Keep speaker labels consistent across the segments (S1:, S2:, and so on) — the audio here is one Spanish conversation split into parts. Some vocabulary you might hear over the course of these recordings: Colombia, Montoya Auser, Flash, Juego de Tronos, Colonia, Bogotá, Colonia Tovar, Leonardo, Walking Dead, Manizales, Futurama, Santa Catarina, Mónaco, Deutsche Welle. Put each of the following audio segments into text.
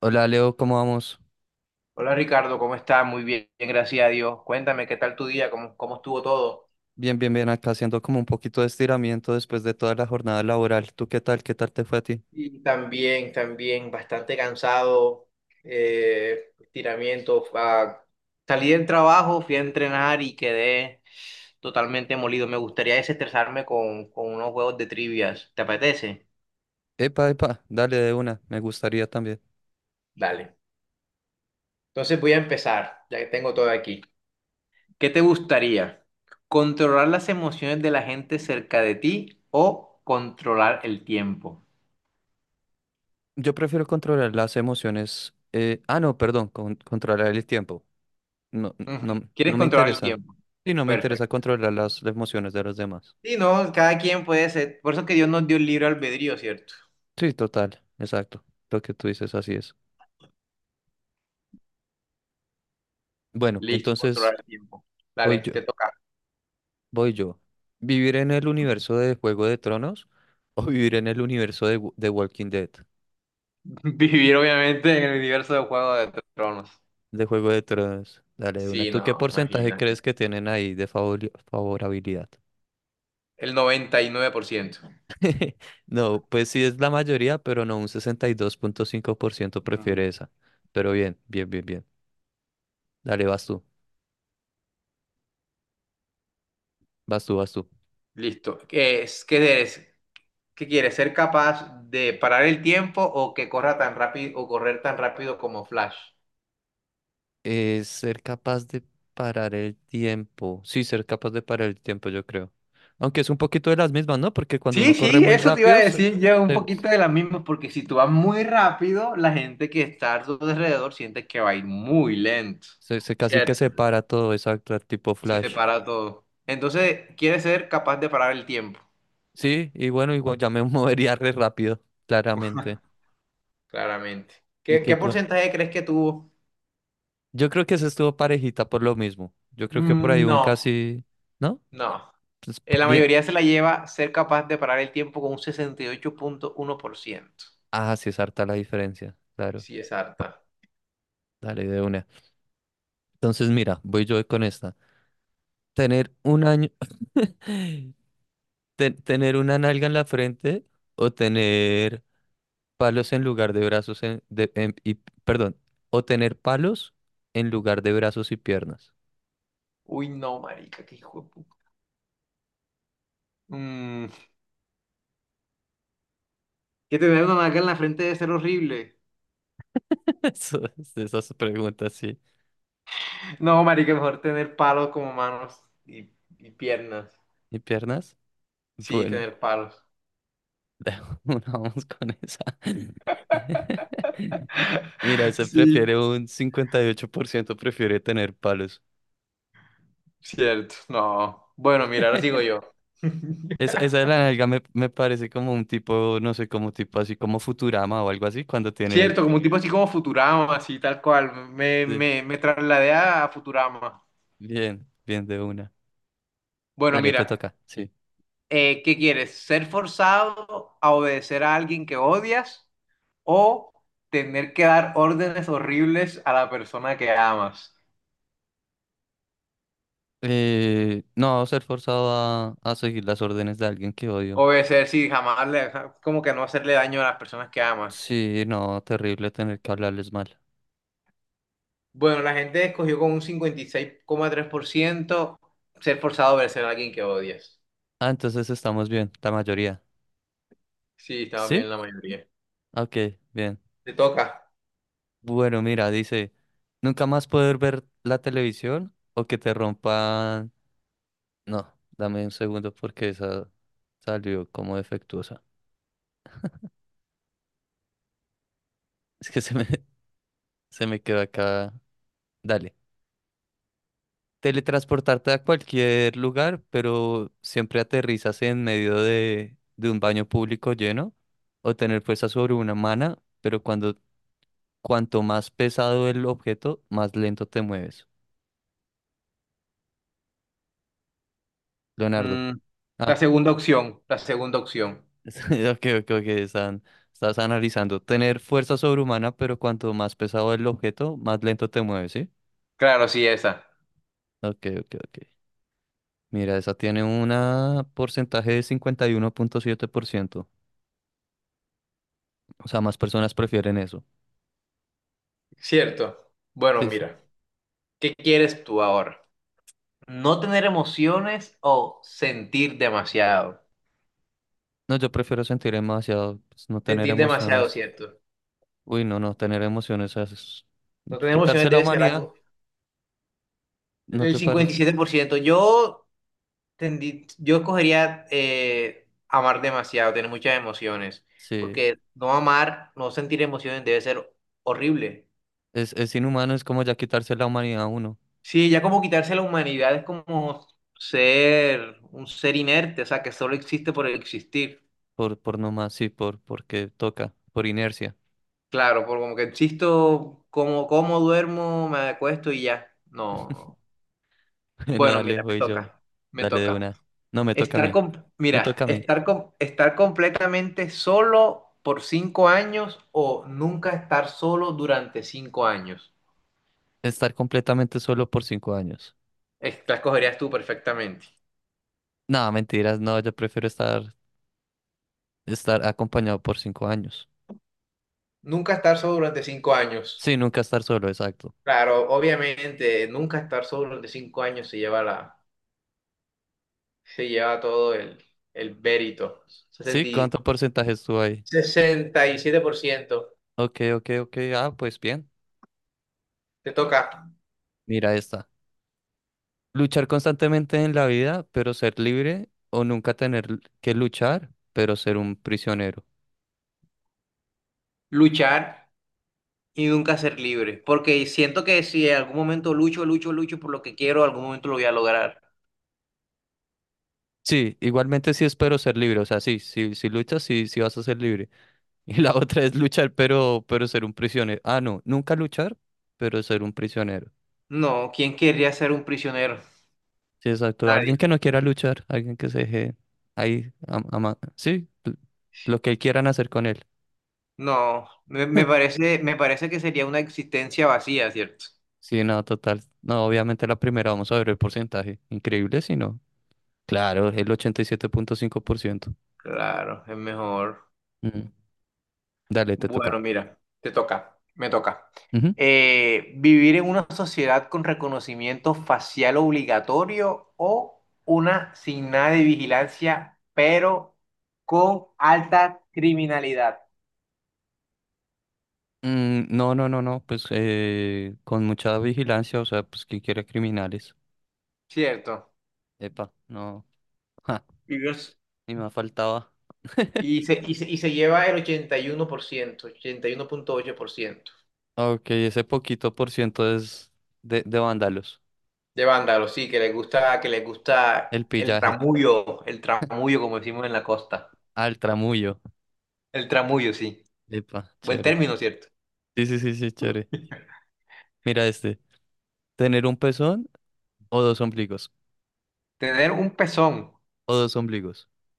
S1: Hola Leo, ¿cómo vamos?
S2: Hola Ricardo, ¿cómo estás? Muy bien, gracias a Dios. Cuéntame, ¿qué tal tu día? ¿Cómo estuvo todo?
S1: Bien, bien, bien, acá haciendo como un poquito de estiramiento después de toda la jornada laboral. ¿Tú qué tal? ¿Qué tal te fue a ti?
S2: Y también, bastante cansado, estiramiento. Salí del trabajo, fui a entrenar y quedé totalmente molido. Me gustaría desestresarme con unos juegos de trivias. ¿Te apetece?
S1: Epa, epa, dale de una, me gustaría también.
S2: Dale. Entonces voy a empezar, ya que tengo todo aquí. ¿Qué te gustaría? ¿Controlar las emociones de la gente cerca de ti o controlar el tiempo?
S1: Yo prefiero controlar las emociones. No, perdón, controlar el tiempo. No,
S2: Ujú.
S1: no, no
S2: Quieres
S1: me
S2: controlar el
S1: interesa.
S2: tiempo.
S1: Sí, no me interesa
S2: Perfecto.
S1: controlar las emociones de los demás.
S2: Sí, no, cada quien puede ser. Por eso que Dios nos dio el libre albedrío, ¿cierto?
S1: Sí, total, exacto. Lo que tú dices, así es. Bueno,
S2: Listo,
S1: entonces
S2: controlar el tiempo. Dale,
S1: voy yo,
S2: te toca.
S1: voy yo. ¿Vivir en el universo de Juego de Tronos o vivir en el universo de Walking Dead?
S2: Vivir, obviamente, en el universo de Juego de Tronos.
S1: De Juego de Tronos. Dale, de una.
S2: Sí,
S1: ¿Tú qué
S2: no,
S1: porcentaje crees
S2: imagínate.
S1: que tienen ahí de favorabilidad?
S2: El 99%.
S1: No, pues sí es la mayoría, pero no, un 62,5%
S2: Ujú.
S1: prefiere esa. Pero bien, bien, bien, bien. Dale, vas tú, vas tú, vas tú.
S2: Listo. ¿Qué es? ¿Qué eres? ¿Qué quieres? ¿Ser capaz de parar el tiempo o que corra tan rápido o correr tan rápido como Flash?
S1: Ser capaz de parar el tiempo. Sí, ser capaz de parar el tiempo, yo creo. Aunque es un poquito de las mismas, ¿no? Porque cuando
S2: Sí,
S1: uno corre
S2: sí,
S1: muy
S2: eso te iba a
S1: rápido,
S2: decir yo un
S1: se-
S2: poquito de la misma, porque si tú vas muy rápido, la gente que está a tu alrededor siente que va a ir muy lento,
S1: se casi que
S2: ¿cierto?
S1: se para todo, exacto, tipo
S2: Se te
S1: Flash.
S2: para todo. Entonces, quieres ser capaz de parar el tiempo,
S1: Sí, y bueno, igual ya me movería re rápido, claramente.
S2: claramente.
S1: Y
S2: ¿Qué,
S1: qué
S2: qué
S1: cu-
S2: porcentaje crees que tuvo?
S1: Yo creo que se estuvo parejita por lo mismo. Yo creo que por ahí
S2: Mm.
S1: un
S2: No,
S1: casi, ¿no?
S2: no.
S1: Pues
S2: La
S1: bien.
S2: mayoría se la lleva ser capaz de parar el tiempo con un 68,1%.
S1: Ah, sí es harta la diferencia. Claro.
S2: Sí, es harta.
S1: Dale de una. Entonces, mira, voy yo con esta. Tener un año, tener una nalga en la frente o tener palos en lugar de brazos perdón, o tener palos en lugar de brazos y piernas.
S2: Uy, no, marica, qué hijo de puta. Mm, que tener una marca en la frente debe ser horrible.
S1: Eso, esas preguntas, sí.
S2: No, marica, mejor tener palos como manos y piernas.
S1: ¿Y piernas?
S2: Sí,
S1: Bueno,
S2: tener palos.
S1: vamos con esa. Mira, esa
S2: Sí,
S1: prefiere un 58% prefiere tener palos.
S2: cierto. No. Bueno, mira, ahora sigo yo.
S1: Esa de la nalga me parece como un tipo, no sé, como tipo así como Futurama o algo así, cuando tiene...
S2: Cierto, como un tipo así como Futurama, así tal cual. Me,
S1: Sí,
S2: me, me trasladé a Futurama.
S1: bien, bien de una.
S2: Bueno,
S1: Dale, te
S2: mira,
S1: toca, sí.
S2: ¿qué quieres? ¿Ser forzado a obedecer a alguien que odias o tener que dar órdenes horribles a la persona que amas?
S1: No, ser forzado a seguir las órdenes de alguien que odio.
S2: Obedecer, sí, jamás le, como que no hacerle daño a las personas que amas.
S1: Sí, no, terrible tener que hablarles mal.
S2: Bueno, la gente escogió con un 56,3% ser forzado a obedecer a alguien que odias.
S1: Ah, entonces estamos bien, la mayoría.
S2: Sí, estaba bien
S1: ¿Sí?
S2: la mayoría.
S1: Ok, bien.
S2: Te toca.
S1: Bueno, mira, dice, nunca más poder ver la televisión o que te rompan... No, dame un segundo porque esa salió como defectuosa. Es que se me, se me quedó acá. Dale. Teletransportarte a cualquier lugar, pero siempre aterrizas en medio de un baño público lleno o tener fuerza sobre una mana, pero cuando cuanto más pesado el objeto, más lento te mueves. Leonardo.
S2: Mm, la
S1: Ah,
S2: segunda opción, la segunda opción.
S1: ok, ok, ok, estás analizando. Tener fuerza sobrehumana, pero cuanto más pesado el objeto, más lento te mueves, ¿sí?
S2: Claro, sí, esa.
S1: Ok, ok, ok. Mira, esa tiene un porcentaje de 51,7%. O sea, más personas prefieren eso.
S2: Cierto. Bueno,
S1: Sí, sí.
S2: mira, ¿qué quieres tú ahora? ¿No tener emociones o sentir demasiado?
S1: No, yo prefiero sentir demasiado, pues, no tener
S2: Sentir demasiado,
S1: emociones.
S2: cierto.
S1: Uy, no, no tener emociones es
S2: No tener
S1: quitarse
S2: emociones
S1: la
S2: debe ser
S1: humanidad,
S2: algo.
S1: ¿no
S2: El
S1: te
S2: cincuenta y
S1: parece?
S2: siete por ciento Yo escogería amar demasiado, tener muchas emociones,
S1: Sí,
S2: porque no amar, no sentir emociones debe ser horrible.
S1: es inhumano, es como ya quitarse la humanidad a uno,
S2: Sí, ya como quitarse la humanidad es como ser un ser inerte, o sea, que solo existe por existir.
S1: por nomás, sí, por, porque toca, por inercia.
S2: Claro, por como que existo, como duermo, me acuesto y ya. No, no, no.
S1: Bueno,
S2: Bueno,
S1: dale,
S2: mira, me
S1: voy yo.
S2: toca, me
S1: Dale de
S2: toca.
S1: una. No, me toca a
S2: Estar
S1: mí.
S2: com-
S1: Me
S2: mira,
S1: toca a mí.
S2: estar com- estar completamente solo por 5 años o nunca estar solo durante 5 años.
S1: Estar completamente solo por 5 años.
S2: La escogerías tú perfectamente.
S1: No, mentiras, no, yo prefiero estar, estar acompañado por 5 años.
S2: Nunca estar solo durante cinco
S1: Sí,
S2: años.
S1: nunca estar solo, exacto.
S2: Claro, obviamente, nunca estar solo durante cinco años se lleva todo el mérito.
S1: Sí,
S2: 60 y-
S1: ¿cuánto porcentaje estuvo ahí?
S2: 67%.
S1: Ok, ok, ok. Ah, pues bien.
S2: Te toca.
S1: Mira esta. Luchar constantemente en la vida, pero ser libre, o nunca tener que luchar, pero ser un prisionero.
S2: Luchar y nunca ser libre, porque siento que si en algún momento lucho, lucho, lucho por lo que quiero, algún momento lo voy a lograr.
S1: Sí, igualmente sí espero ser libre. O sea, sí, sí, si luchas, sí, sí vas a ser libre. Y la otra es luchar, pero ser un prisionero. Ah, no, nunca luchar, pero ser un prisionero.
S2: No, ¿quién querría ser un prisionero?
S1: Sí, exacto. Alguien
S2: Nadie.
S1: que no quiera luchar, alguien que se deje ahí, sí, lo que quieran hacer con él.
S2: No, me, me parece, me parece que sería una existencia vacía, ¿cierto?
S1: Sí, no, total. No, obviamente la primera, vamos a ver el porcentaje. Increíble, si no. Claro, el 87.5%.
S2: Claro, es mejor.
S1: Mm, dale, te toca.
S2: Bueno, mira, me toca.
S1: Ujú.
S2: ¿Vivir en una sociedad con reconocimiento facial obligatorio o una sin nada de vigilancia, pero con alta criminalidad?
S1: Mm, no, no, no, no, pues con mucha vigilancia, o sea, pues quien quiera criminales.
S2: Cierto.
S1: Epa, no.
S2: Y Dios.
S1: Ni me faltaba.
S2: Y se, y se, y se lleva el 81,8%
S1: Ok, ese poquito por ciento es de vándalos.
S2: de vándalos, sí, que les
S1: El
S2: gusta
S1: pillaje.
S2: el tramullo, como decimos en la costa.
S1: Al tramullo.
S2: El tramullo, sí.
S1: Epa,
S2: Buen
S1: chévere.
S2: término, ¿cierto?
S1: Sí, sí, sí, sí, chévere. Mira este. ¿Tener un pezón o dos ombligos?
S2: Tener un pezón.
S1: O dos ombligos.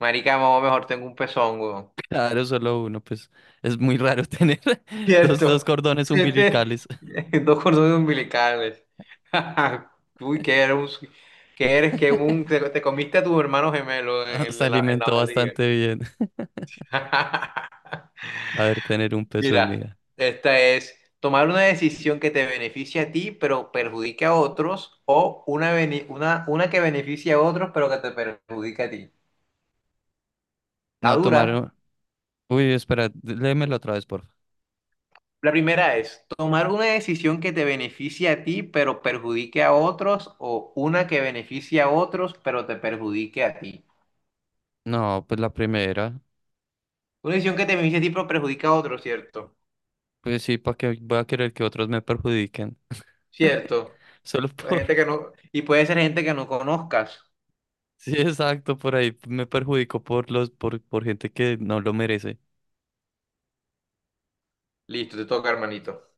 S2: Marica, mamá, mejor tengo un pezón, weón.
S1: Claro, solo uno, pues es muy raro tener dos, dos
S2: ¿Cierto?
S1: cordones umbilicales.
S2: Dos cordones umbilicales. Uy, que eres te comiste a tu hermano gemelo en,
S1: Ah,
S2: el-
S1: se
S2: en la, en la
S1: alimentó
S2: barriga.
S1: bastante bien. A ver, tener un pezón,
S2: Mira,
S1: mira.
S2: esta es tomar una decisión que te beneficie a ti, pero perjudique a otros, o una que beneficie a otros, pero que te perjudique a ti. Está
S1: No,
S2: dura.
S1: tomaron. Uy, espera, léemelo otra vez, porfa.
S2: La primera es tomar una decisión que te beneficie a ti, pero perjudique a otros, o una que beneficie a otros, pero te perjudique a ti.
S1: No, pues la primera.
S2: Una decisión que te beneficie a ti, pero perjudica a otros, ¿cierto?
S1: Pues sí, ¿para qué voy a querer que otros me perjudiquen?
S2: Cierto.
S1: Solo
S2: Hay
S1: por...
S2: gente que no, y puede ser gente que no conozcas.
S1: Sí, exacto, por ahí me perjudico por por gente que no lo merece.
S2: Listo, te toca, hermanito.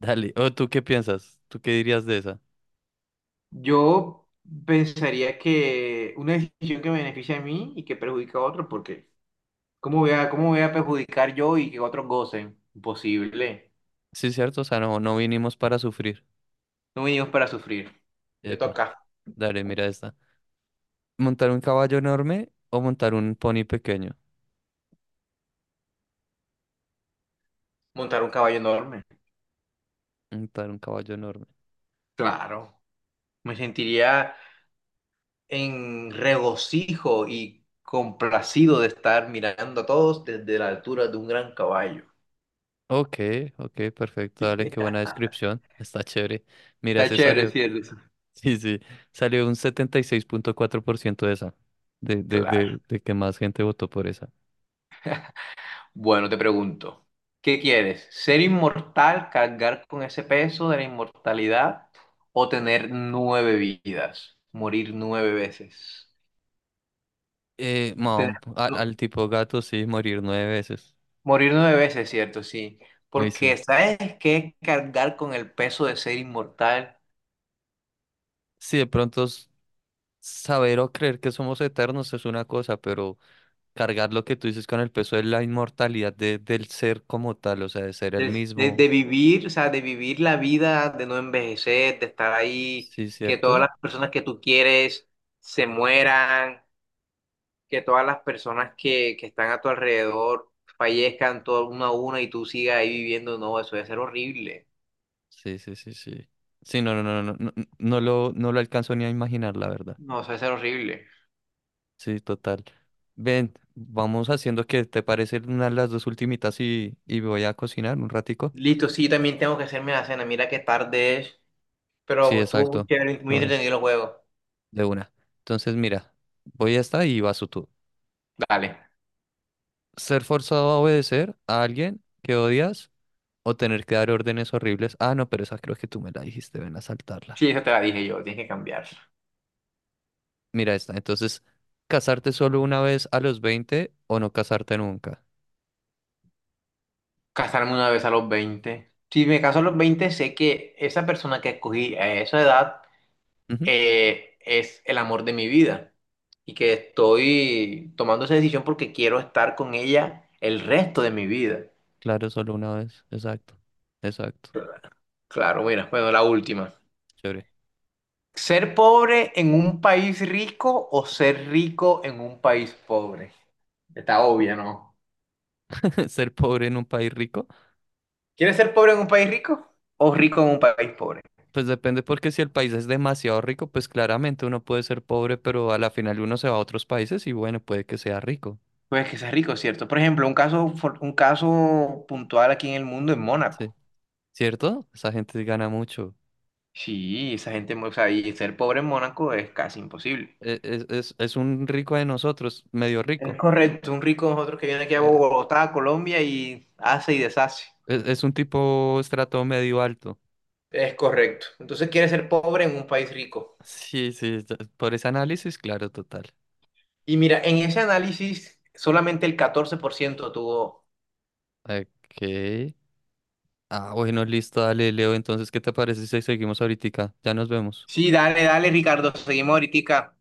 S1: Dale. ¿O tú qué piensas? ¿Tú qué dirías de esa?
S2: Yo pensaría que una decisión que me beneficia a mí y que perjudica a otro, porque ¿cómo voy a perjudicar yo y que otros gocen? Imposible.
S1: Sí, cierto, o sea, no, no vinimos para sufrir.
S2: No venimos para sufrir. Te
S1: Epa,
S2: toca.
S1: dale, mira esta. ¿Montar un caballo enorme o montar un pony pequeño?
S2: Montar un caballo enorme.
S1: Montar un caballo enorme.
S2: Claro. Me sentiría en regocijo y complacido de estar mirando a todos desde la altura de un gran caballo.
S1: Ok, ok, perfecto, dale, qué buena descripción. Está chévere. Mira,
S2: Está
S1: se
S2: chévere,
S1: salió.
S2: ¿cierto?
S1: Sí, sí, salió un 76,4% de esa,
S2: Claro.
S1: de que más gente votó por esa.
S2: Bueno, te pregunto, ¿qué quieres? ¿Ser inmortal, cargar con ese peso de la inmortalidad o tener nueve vidas? Morir nueve veces. Tener- no,
S1: Al tipo gato sí, morir 9 veces.
S2: morir nueve veces, ¿cierto? Sí.
S1: Dice,
S2: Porque
S1: sí,
S2: ¿sabes qué? Cargar con el peso de ser inmortal,
S1: sí, de pronto saber o creer que somos eternos es una cosa, pero cargar lo que tú dices con el peso de la inmortalidad del ser como tal, o sea, de ser el
S2: de, de-
S1: mismo,
S2: de vivir, o sea, de vivir la vida, de no envejecer, de estar ahí,
S1: sí,
S2: que todas
S1: ¿cierto?
S2: las personas que tú quieres se mueran, que todas las personas que están a tu alrededor fallezcan todas una a una y tú sigas ahí viviendo, no, eso debe ser horrible.
S1: Sí, sí, sí, sí. Sí, no, no, no, no, no, no lo alcanzo ni a imaginar, la verdad.
S2: No, eso debe ser horrible.
S1: Sí, total. Ven, vamos haciendo que te parece una de las dos ultimitas y voy a cocinar un ratico.
S2: Listo, sí, también tengo que hacerme la cena. Mira qué tarde es,
S1: Sí,
S2: pero estuvo muy
S1: exacto.
S2: chévere,
S1: De
S2: muy
S1: una,
S2: entretenido el juego.
S1: de una. Entonces, mira, voy a esta y vas tú.
S2: Dale.
S1: Ser forzado a obedecer a alguien que odias o tener que dar órdenes horribles. Ah, no, pero esa creo que tú me la dijiste, ven a saltarla.
S2: Sí, esa te la dije yo, tienes que cambiar.
S1: Mira esta. Entonces, casarte solo una vez a los 20 o no casarte nunca.
S2: Casarme una vez a los 20. Si me caso a los 20 sé que esa persona que escogí a esa edad
S1: Ujú,
S2: es el amor de mi vida y que estoy tomando esa decisión porque quiero estar con ella el resto de mi vida.
S1: claro, solo una vez. Exacto. Exacto.
S2: Claro, mira, bueno, la última.
S1: Chévere.
S2: ¿Ser pobre en un país rico o ser rico en un país pobre? Está obvia, ¿no?
S1: Ser pobre en un país rico.
S2: ¿Quieres ser pobre en un país rico o rico en un país pobre?
S1: Pues depende porque si el país es demasiado rico, pues claramente uno puede ser pobre, pero a la final uno se va a otros países y bueno, puede que sea rico.
S2: Pues que seas rico, ¿cierto? Por ejemplo, un caso puntual aquí en el mundo es
S1: Sí.
S2: Mónaco.
S1: ¿Cierto? Esa gente gana mucho.
S2: Sí, esa gente, o sea, y ser pobre en Mónaco es casi imposible.
S1: Es, es un rico de nosotros, medio
S2: Es
S1: rico.
S2: correcto, un rico nosotros que viene aquí a
S1: Eh,
S2: Bogotá, Colombia y hace y deshace.
S1: es un tipo estrato medio alto.
S2: Es correcto. Entonces quiere ser pobre en un país rico.
S1: Sí, sí, por ese análisis, claro, total.
S2: Y mira, en ese análisis solamente el 14% tuvo.
S1: Ok. Ah, bueno, listo, dale, Leo. Entonces, ¿qué te parece si seguimos ahorita? Ya nos vemos.
S2: Sí, dale, dale, Ricardo, seguimos ahorita.